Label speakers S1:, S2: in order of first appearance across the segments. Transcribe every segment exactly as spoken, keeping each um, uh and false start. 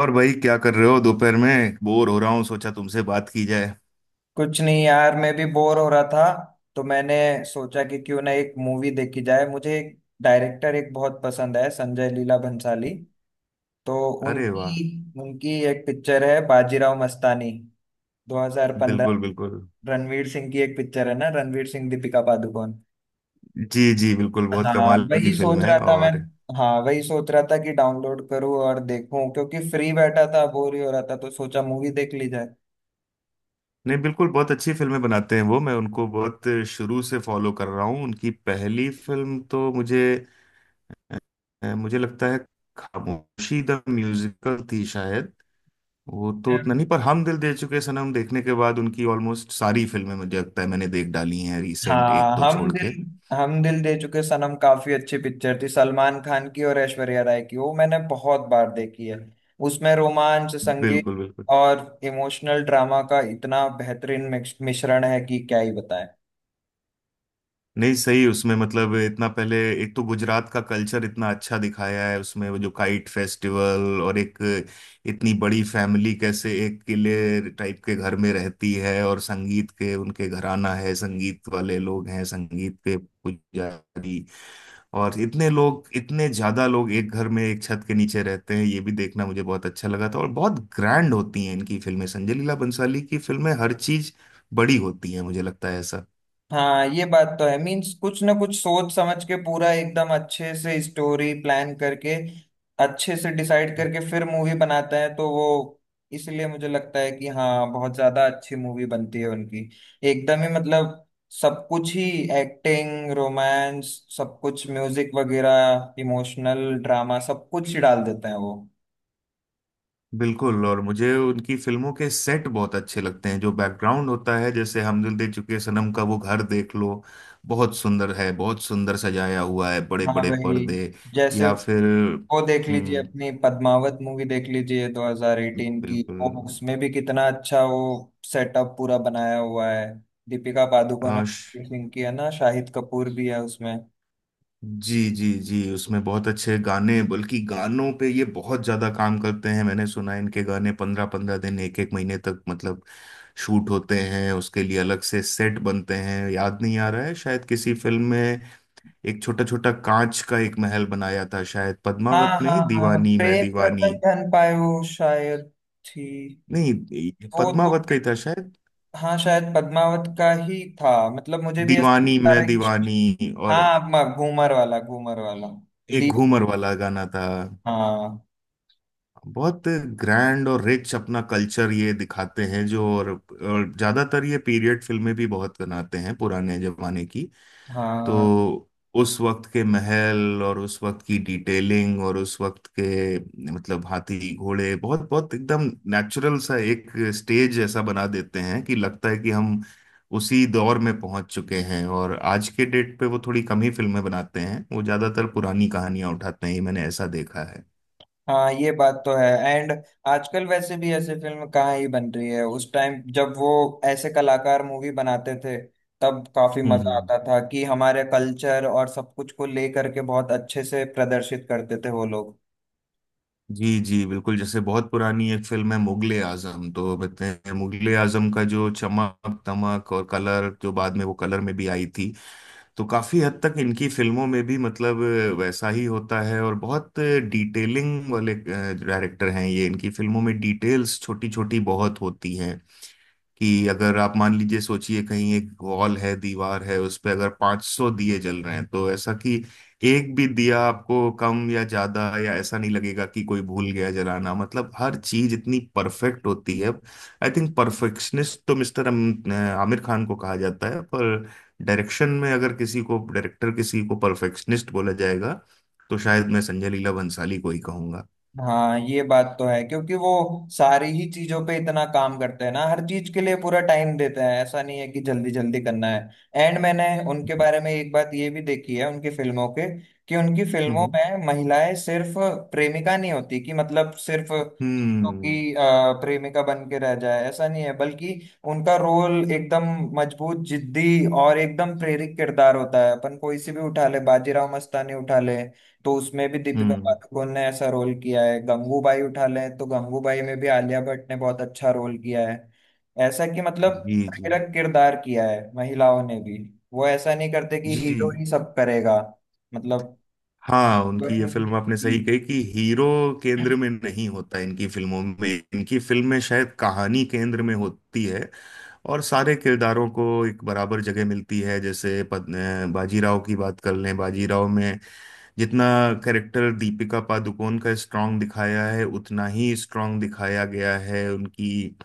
S1: और भाई, क्या कर रहे हो? दोपहर में बोर हो रहा हूँ, सोचा तुमसे बात की जाए।
S2: कुछ नहीं यार, मैं भी बोर हो रहा था तो मैंने सोचा कि क्यों ना एक मूवी देखी जाए। मुझे एक डायरेक्टर एक बहुत पसंद है, संजय लीला भंसाली। तो
S1: अरे
S2: उनकी
S1: वाह।
S2: उनकी एक पिक्चर है बाजीराव मस्तानी दो हज़ार पंद्रह।
S1: बिल्कुल, बिल्कुल।
S2: रणवीर सिंह की एक पिक्चर है ना, रणवीर सिंह, दीपिका पादुकोण।
S1: जी जी, बिल्कुल, बहुत
S2: हाँ
S1: कमाल की
S2: वही
S1: फिल्म
S2: सोच
S1: है।
S2: रहा था मैं।
S1: और
S2: हाँ वही सोच रहा था कि डाउनलोड करूँ और देखूं, क्योंकि फ्री बैठा था, बोर ही हो रहा था, तो सोचा मूवी देख ली जाए।
S1: नहीं, बिल्कुल, बहुत अच्छी फिल्में बनाते हैं वो। मैं उनको बहुत शुरू से फॉलो कर रहा हूँ। उनकी पहली फिल्म तो मुझे, अ, मुझे लगता है खामोशी द म्यूजिकल थी शायद। वो तो उतना नहीं, पर हम दिल दे चुके सनम देखने के बाद उनकी ऑलमोस्ट सारी फिल्में मुझे लगता है मैंने देख डाली हैं, रिसेंट एक
S2: हाँ,
S1: दो
S2: हम
S1: छोड़
S2: दिल
S1: के।
S2: हम दिल दे चुके सनम काफी अच्छी पिक्चर थी, सलमान खान की और ऐश्वर्या राय की। वो मैंने बहुत बार देखी है। उसमें रोमांच, संगीत
S1: बिल्कुल बिल्कुल।
S2: और इमोशनल ड्रामा का इतना बेहतरीन मिक्स- मिश्रण है कि क्या ही बताएं।
S1: नहीं, सही। उसमें मतलब इतना पहले एक तो गुजरात का कल्चर इतना अच्छा दिखाया है उसमें, वो जो काइट फेस्टिवल, और एक इतनी बड़ी फैमिली कैसे एक किले टाइप के घर में रहती है, और संगीत के उनके घराना है, संगीत वाले लोग हैं, संगीत के पुजारी, और इतने लोग, इतने ज्यादा लोग एक घर में एक छत के नीचे रहते हैं, ये भी देखना मुझे बहुत अच्छा लगा था। और बहुत ग्रैंड होती हैं इनकी फिल्में, संजय लीला बंसाली की फिल्में, हर चीज बड़ी होती हैं, मुझे लगता है ऐसा।
S2: हाँ, ये बात तो है। मीन्स कुछ ना कुछ सोच समझ के, पूरा एकदम अच्छे से स्टोरी प्लान करके, अच्छे से डिसाइड करके फिर मूवी बनाते हैं, तो वो इसलिए मुझे लगता है कि हाँ, बहुत ज्यादा अच्छी मूवी बनती है उनकी। एकदम ही मतलब सब कुछ ही, एक्टिंग, रोमांस, सब कुछ, म्यूजिक वगैरह, इमोशनल ड्रामा, सब कुछ ही डाल देते हैं वो।
S1: बिल्कुल। और मुझे उनकी फिल्मों के सेट बहुत अच्छे लगते हैं, जो बैकग्राउंड होता है। जैसे हम दिल दे चुके सनम का वो घर देख लो, बहुत सुंदर है, बहुत सुंदर सजाया हुआ है, बड़े
S2: हाँ
S1: बड़े
S2: वही,
S1: पर्दे।
S2: जैसे
S1: या फिर
S2: वो देख लीजिए
S1: हम्म
S2: अपनी पद्मावत मूवी देख लीजिए दो हज़ार अठारह की,
S1: बिल्कुल।
S2: वो उसमें भी कितना अच्छा वो सेटअप पूरा बनाया हुआ है। दीपिका पादुकोण और
S1: आश।
S2: रणवीर सिंह की है ना, शाहिद कपूर भी है उसमें।
S1: जी जी जी, उसमें बहुत अच्छे गाने, बल्कि गानों पे ये बहुत ज्यादा काम करते हैं। मैंने सुना है इनके गाने पंद्रह पंद्रह दिन, एक एक महीने तक मतलब शूट होते हैं, उसके लिए अलग से सेट बनते हैं। याद नहीं आ रहा है, शायद किसी फिल्म में एक छोटा छोटा कांच का एक महल बनाया था, शायद
S2: हाँ,
S1: पद्मावत में ही,
S2: हाँ, हाँ,
S1: दीवानी मैं
S2: प्रेम रतन
S1: दीवानी।
S2: धन पायो शायद थी।
S1: नहीं, ये
S2: वो तो,
S1: पद्मावत का ही था शायद।
S2: हाँ शायद पद्मावत का ही था। मतलब मुझे भी ऐसा
S1: दीवानी
S2: सारा,
S1: मैं दीवानी, और
S2: हाँ, म- घूमर वाला घूमर वाला
S1: एक
S2: दी
S1: घूमर वाला गाना था।
S2: हाँ,
S1: बहुत ग्रैंड और रिच अपना कल्चर ये दिखाते हैं जो, और, और ज्यादातर ये पीरियड फिल्में भी बहुत बनाते हैं, पुराने जमाने की।
S2: हाँ,
S1: तो उस वक्त के महल, और उस वक्त की डिटेलिंग, और उस वक्त के मतलब हाथी घोड़े, बहुत बहुत एकदम नेचुरल सा एक स्टेज ऐसा बना देते हैं कि लगता है कि हम उसी दौर में पहुंच चुके हैं। और आज के डेट पे वो थोड़ी कम ही फिल्में बनाते हैं, वो ज्यादातर पुरानी कहानियां उठाते हैं, ये मैंने ऐसा देखा है।
S2: हाँ। ये बात तो है। एंड आजकल वैसे भी ऐसे फिल्म कहाँ ही बन रही है। उस टाइम जब वो ऐसे कलाकार मूवी बनाते थे, तब काफी
S1: हम्म
S2: मजा
S1: हम्म।
S2: आता था कि हमारे कल्चर और सब कुछ को ले करके बहुत अच्छे से प्रदर्शित करते थे वो लोग।
S1: जी जी, बिल्कुल। जैसे बहुत पुरानी एक फिल्म है मुगले आजम, तो बताते हैं मुगले आजम का जो चमक दमक और कलर, जो बाद में वो कलर में भी आई थी, तो काफी हद तक इनकी फिल्मों में भी मतलब वैसा ही होता है। और बहुत डिटेलिंग वाले डायरेक्टर हैं ये, इनकी फिल्मों में डिटेल्स छोटी छोटी बहुत होती हैं। कि अगर आप मान लीजिए, सोचिए कहीं एक वॉल है, दीवार है, उस पे अगर पाँच सौ दिए जल रहे हैं, तो ऐसा कि एक भी दिया आपको कम या ज्यादा या ऐसा नहीं लगेगा कि कोई भूल गया जलाना, मतलब हर चीज इतनी परफेक्ट होती है। आई थिंक परफेक्शनिस्ट तो मिस्टर आमिर खान को कहा जाता है, पर डायरेक्शन में अगर किसी को, डायरेक्टर किसी को परफेक्शनिस्ट बोला जाएगा, तो शायद मैं संजय लीला भंसाली को ही कहूंगा।
S2: हाँ, ये बात तो है, क्योंकि वो सारी ही चीजों पे इतना काम करते हैं ना, हर चीज के लिए पूरा टाइम देते हैं। ऐसा नहीं है कि जल्दी जल्दी करना है। एंड मैंने उनके बारे में एक बात ये भी देखी है उनकी फिल्मों के, कि उनकी हम्म फिल्मों
S1: हम्म
S2: में महिलाएं सिर्फ प्रेमिका नहीं होती, कि मतलब सिर्फ कि
S1: हम्म
S2: अ, प्रेमिका बन के रह जाए, ऐसा नहीं है, बल्कि उनका रोल एकदम मजबूत, जिद्दी और एकदम प्रेरक किरदार होता है। अपन कोई सी भी उठा ले, बाजीराव मस्तानी उठा ले तो उसमें भी दीपिका
S1: हम्म,
S2: पादुकोण ने ऐसा रोल किया है, गंगूबाई उठा ले तो गंगूबाई में भी आलिया भट्ट ने बहुत अच्छा रोल किया है। ऐसा कि मतलब
S1: जी जी
S2: प्रेरक किरदार किया है महिलाओं ने भी। वो ऐसा नहीं करते कि हीरो
S1: जी।
S2: ही सब करेगा। मतलब
S1: हाँ,
S2: कोई
S1: उनकी ये
S2: नहीं,
S1: फिल्म आपने सही
S2: कि-
S1: कही कि हीरो केंद्र में नहीं होता इनकी फिल्मों में, इनकी फिल्म में शायद कहानी केंद्र में होती है, और सारे किरदारों को एक बराबर जगह मिलती है। जैसे पद- अ, बाजीराव की बात कर लें, बाजीराव में जितना कैरेक्टर दीपिका पादुकोण का स्ट्रांग दिखाया है, उतना ही स्ट्रांग दिखाया गया है उनकी,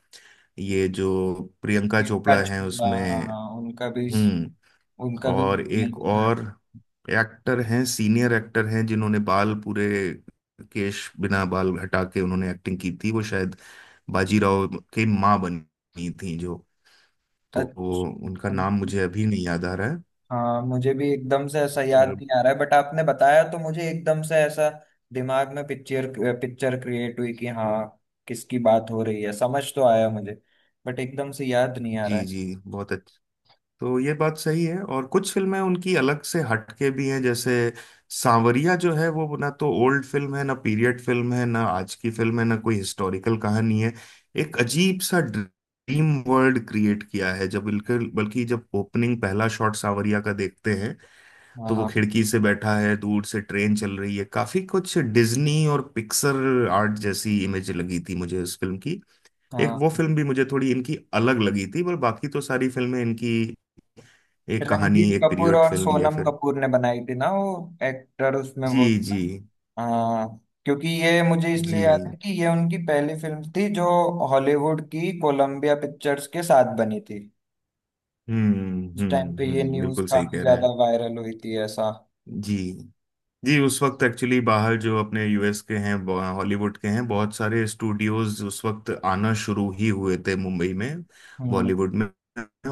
S1: ये जो प्रियंका
S2: कि उनका
S1: चोपड़ा है
S2: छोड़ा,
S1: उसमें।
S2: हाँ, हाँ, उनका भी
S1: हम्म
S2: उनका भी
S1: और
S2: नहीं
S1: एक
S2: होता है।
S1: और एक्टर हैं, सीनियर एक्टर हैं, जिन्होंने बाल पूरे केश बिना, बाल हटा के उन्होंने एक्टिंग की थी, वो शायद बाजीराव की माँ बनी थी जो, तो वो,
S2: अच्छा,
S1: उनका
S2: हम-
S1: नाम मुझे अभी नहीं याद आ रहा है।
S2: हाँ, मुझे भी एकदम से ऐसा याद
S1: पर
S2: नहीं आ रहा है, बट आपने बताया तो मुझे एकदम से ऐसा दिमाग में पिक्चर पिक्चर क्रिएट हुई कि हाँ, किसकी बात हो रही है समझ तो आया मुझे, बट एकदम से याद नहीं आ
S1: जी
S2: रहा है।
S1: जी, बहुत। तो ये बात सही है। और कुछ फिल्में उनकी अलग से हटके भी हैं, जैसे सांवरिया जो है वो, ना तो ओल्ड फिल्म है, ना पीरियड फिल्म है, ना आज की फिल्म है, ना कोई हिस्टोरिकल कहानी है, एक अजीब सा ड्रीम वर्ल्ड क्रिएट किया है। जब बिल्कुल, बल्कि जब ओपनिंग पहला शॉट सांवरिया का देखते हैं,
S2: हाँ,
S1: तो वो
S2: हाँ,
S1: खिड़की से बैठा है, दूर से ट्रेन चल रही है, काफी कुछ डिज्नी और पिक्सर आर्ट जैसी इमेज लगी थी मुझे इस फिल्म की। एक
S2: हाँ,
S1: वो फिल्म भी मुझे थोड़ी इनकी अलग लगी थी, पर बाकी तो सारी फिल्में इनकी एक कहानी,
S2: रणबीर
S1: एक
S2: कपूर
S1: पीरियड
S2: और
S1: फिल्म, या
S2: सोनम
S1: फिर।
S2: कपूर ने बनाई थी ना वो, एक्टर उसमें वो
S1: जी
S2: था।
S1: जी
S2: हाँ, क्योंकि ये मुझे इसलिए याद
S1: जी।
S2: है कि ये उनकी पहली फिल्म थी जो हॉलीवुड की कोलंबिया पिक्चर्स के साथ बनी थी।
S1: हम्म
S2: उस टाइम
S1: हम्म
S2: पे ये
S1: हम्म,
S2: न्यूज
S1: बिल्कुल सही
S2: काफी
S1: कह रहे हैं।
S2: ज्यादा वायरल हुई थी ऐसा।
S1: जी जी, उस वक्त एक्चुअली बाहर जो अपने यूएस के हैं, ब- हॉलीवुड के हैं, बहुत सारे स्टूडियोज उस वक्त आना शुरू ही हुए थे मुंबई में,
S2: हम्म।
S1: बॉलीवुड में,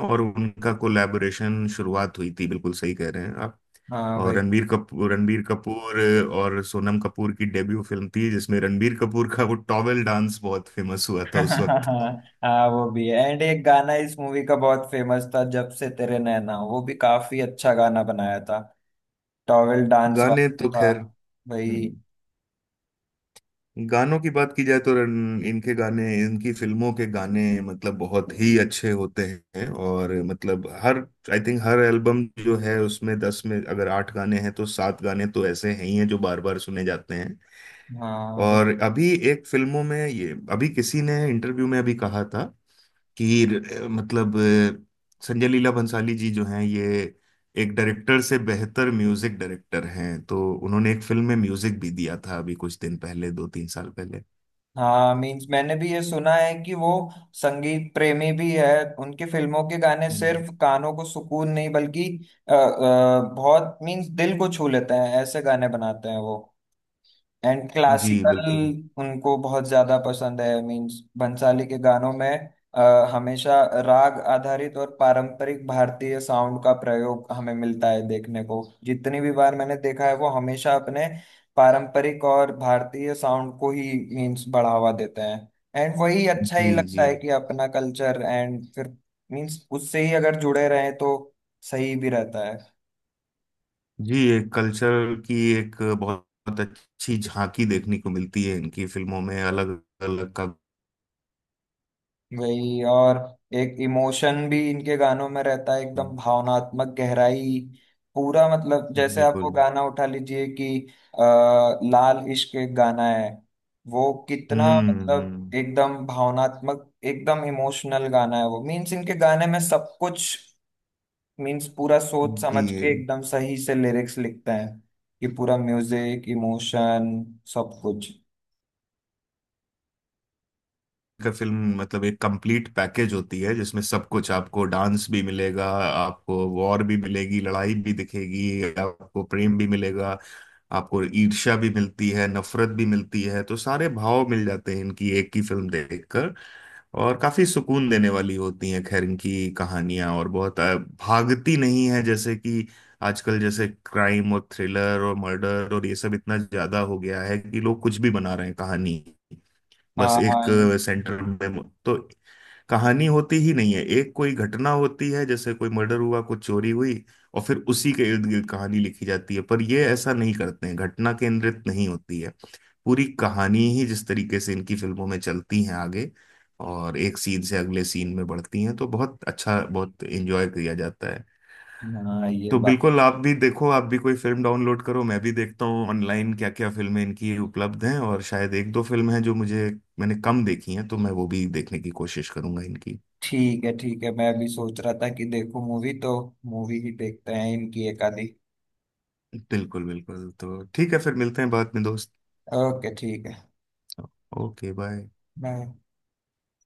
S1: और उनका कोलैबोरेशन शुरुआत हुई थी, बिल्कुल सही कह रहे हैं आप।
S2: हाँ
S1: और
S2: भाई।
S1: रणबीर कपूर रणबीर कपूर और सोनम कपूर की डेब्यू फिल्म थी, जिसमें रणबीर कपूर का वो टॉवेल डांस बहुत फेमस हुआ था उस वक्त।
S2: हाँ, वो भी है। एंड एक गाना इस मूवी का बहुत फेमस था, जब से तेरे नैना, वो भी काफी अच्छा गाना बनाया था, टॉवेल डांस
S1: गाने
S2: वाला
S1: तो
S2: था
S1: खैर
S2: भाई।
S1: हम्म, गानों की बात की जाए तो रन- इनके गाने, इनकी फिल्मों के गाने मतलब बहुत ही अच्छे होते हैं। और मतलब हर, आई थिंक हर एल्बम जो है उसमें दस में अगर आठ गाने हैं तो सात गाने तो ऐसे हैं ही हैं जो बार बार सुने जाते हैं।
S2: हाँ, वो-
S1: और अभी एक फिल्मों में ये, अभी किसी ने इंटरव्यू में अभी कहा था कि र- मतलब अ, संजय लीला भंसाली जी जो हैं ये एक डायरेक्टर से बेहतर म्यूजिक डायरेक्टर हैं, तो उन्होंने एक फिल्म में म्यूजिक भी दिया था, अभी कुछ दिन पहले, दो तीन साल पहले।
S2: हाँ, मीन्स मैंने भी ये सुना है कि वो संगीत प्रेमी भी है। उनकी फिल्मों के गाने
S1: हम्म।
S2: सिर्फ कानों को सुकून नहीं, बल्कि अ, अ, बहुत मीन्स दिल को छू लेते हैं, ऐसे गाने बनाते हैं वो। एंड
S1: जी
S2: क्लासिकल
S1: बिल्कुल।
S2: उनको बहुत ज्यादा पसंद है। मीन्स बंसाली के गानों में अ, हमेशा राग आधारित और पारंपरिक भारतीय साउंड का प्रयोग हमें मिलता है देखने को। जितनी भी बार मैंने देखा है वो हमेशा अपने पारंपरिक और भारतीय साउंड को ही मीन्स बढ़ावा देते हैं। एंड वही अच्छा
S1: जी
S2: ही लगता
S1: जी
S2: है कि अपना कल्चर, एंड फिर मीन्स उससे ही अगर जुड़े रहें तो सही भी रहता है।
S1: जी। एक कल्चर की एक बहुत अच्छी झांकी देखने को मिलती है इनकी फिल्मों में, अलग अलग का।
S2: वही, और एक इमोशन भी इनके गानों में रहता है, एकदम भावनात्मक गहराई। पूरा मतलब जैसे आप वो
S1: बिल्कुल।
S2: गाना उठा लीजिए कि आ, लाल इश्क एक गाना है, वो कितना
S1: हम्म
S2: मतलब
S1: हम्म।
S2: एकदम भावनात्मक, एकदम इमोशनल गाना है वो। मीन्स इनके गाने में सब कुछ, मीन्स पूरा सोच समझ के
S1: जी।
S2: एकदम सही से लिरिक्स लिखते हैं कि पूरा म्यूजिक, इमोशन, सब कुछ।
S1: का फिल्म मतलब एक कंप्लीट पैकेज होती है, जिसमें सब कुछ, आपको डांस भी मिलेगा, आपको वॉर भी मिलेगी, लड़ाई भी दिखेगी, आपको प्रेम भी मिलेगा, आपको ईर्ष्या भी मिलती है, नफरत भी मिलती है। तो सारे भाव मिल जाते हैं इनकी एक ही फिल्म देखकर। और काफी सुकून देने वाली होती हैं खैर इनकी कहानियां, और बहुत अ, भागती नहीं है। जैसे कि आजकल जैसे क्राइम और थ्रिलर और मर्डर और ये सब इतना ज्यादा हो गया है कि लोग कुछ भी बना रहे हैं, कहानी बस एक
S2: हाँ,
S1: सेंटर में तो कहानी होती ही नहीं है, एक कोई घटना होती है, जैसे कोई मर्डर हुआ, कुछ चोरी हुई, और फिर उसी के इर्द गिर्द कहानी लिखी जाती है। पर ये ऐसा नहीं करते हैं, घटना केंद्रित नहीं होती है, पूरी कहानी ही जिस तरीके से इनकी फिल्मों में चलती है आगे, और एक सीन से अगले सीन में बढ़ती हैं, तो बहुत अच्छा, बहुत एंजॉय किया जाता है।
S2: हाँ, ये
S1: तो
S2: बात
S1: बिल्कुल, आप भी देखो, आप भी कोई फिल्म डाउनलोड करो, मैं भी देखता हूँ ऑनलाइन क्या क्या फिल्में इनकी उपलब्ध हैं, और शायद एक दो फिल्म हैं जो मुझे, मैंने कम देखी हैं, तो मैं वो भी देखने की कोशिश करूंगा इनकी।
S2: ठीक है। ठीक है, मैं अभी सोच रहा था कि देखो, मूवी तो मूवी ही देखते हैं इनकी एक आधी।
S1: बिल्कुल बिल्कुल, तो ठीक है, फिर मिलते हैं बाद में दोस्त।
S2: ओके, ठीक है।
S1: Okay bye.
S2: बाय।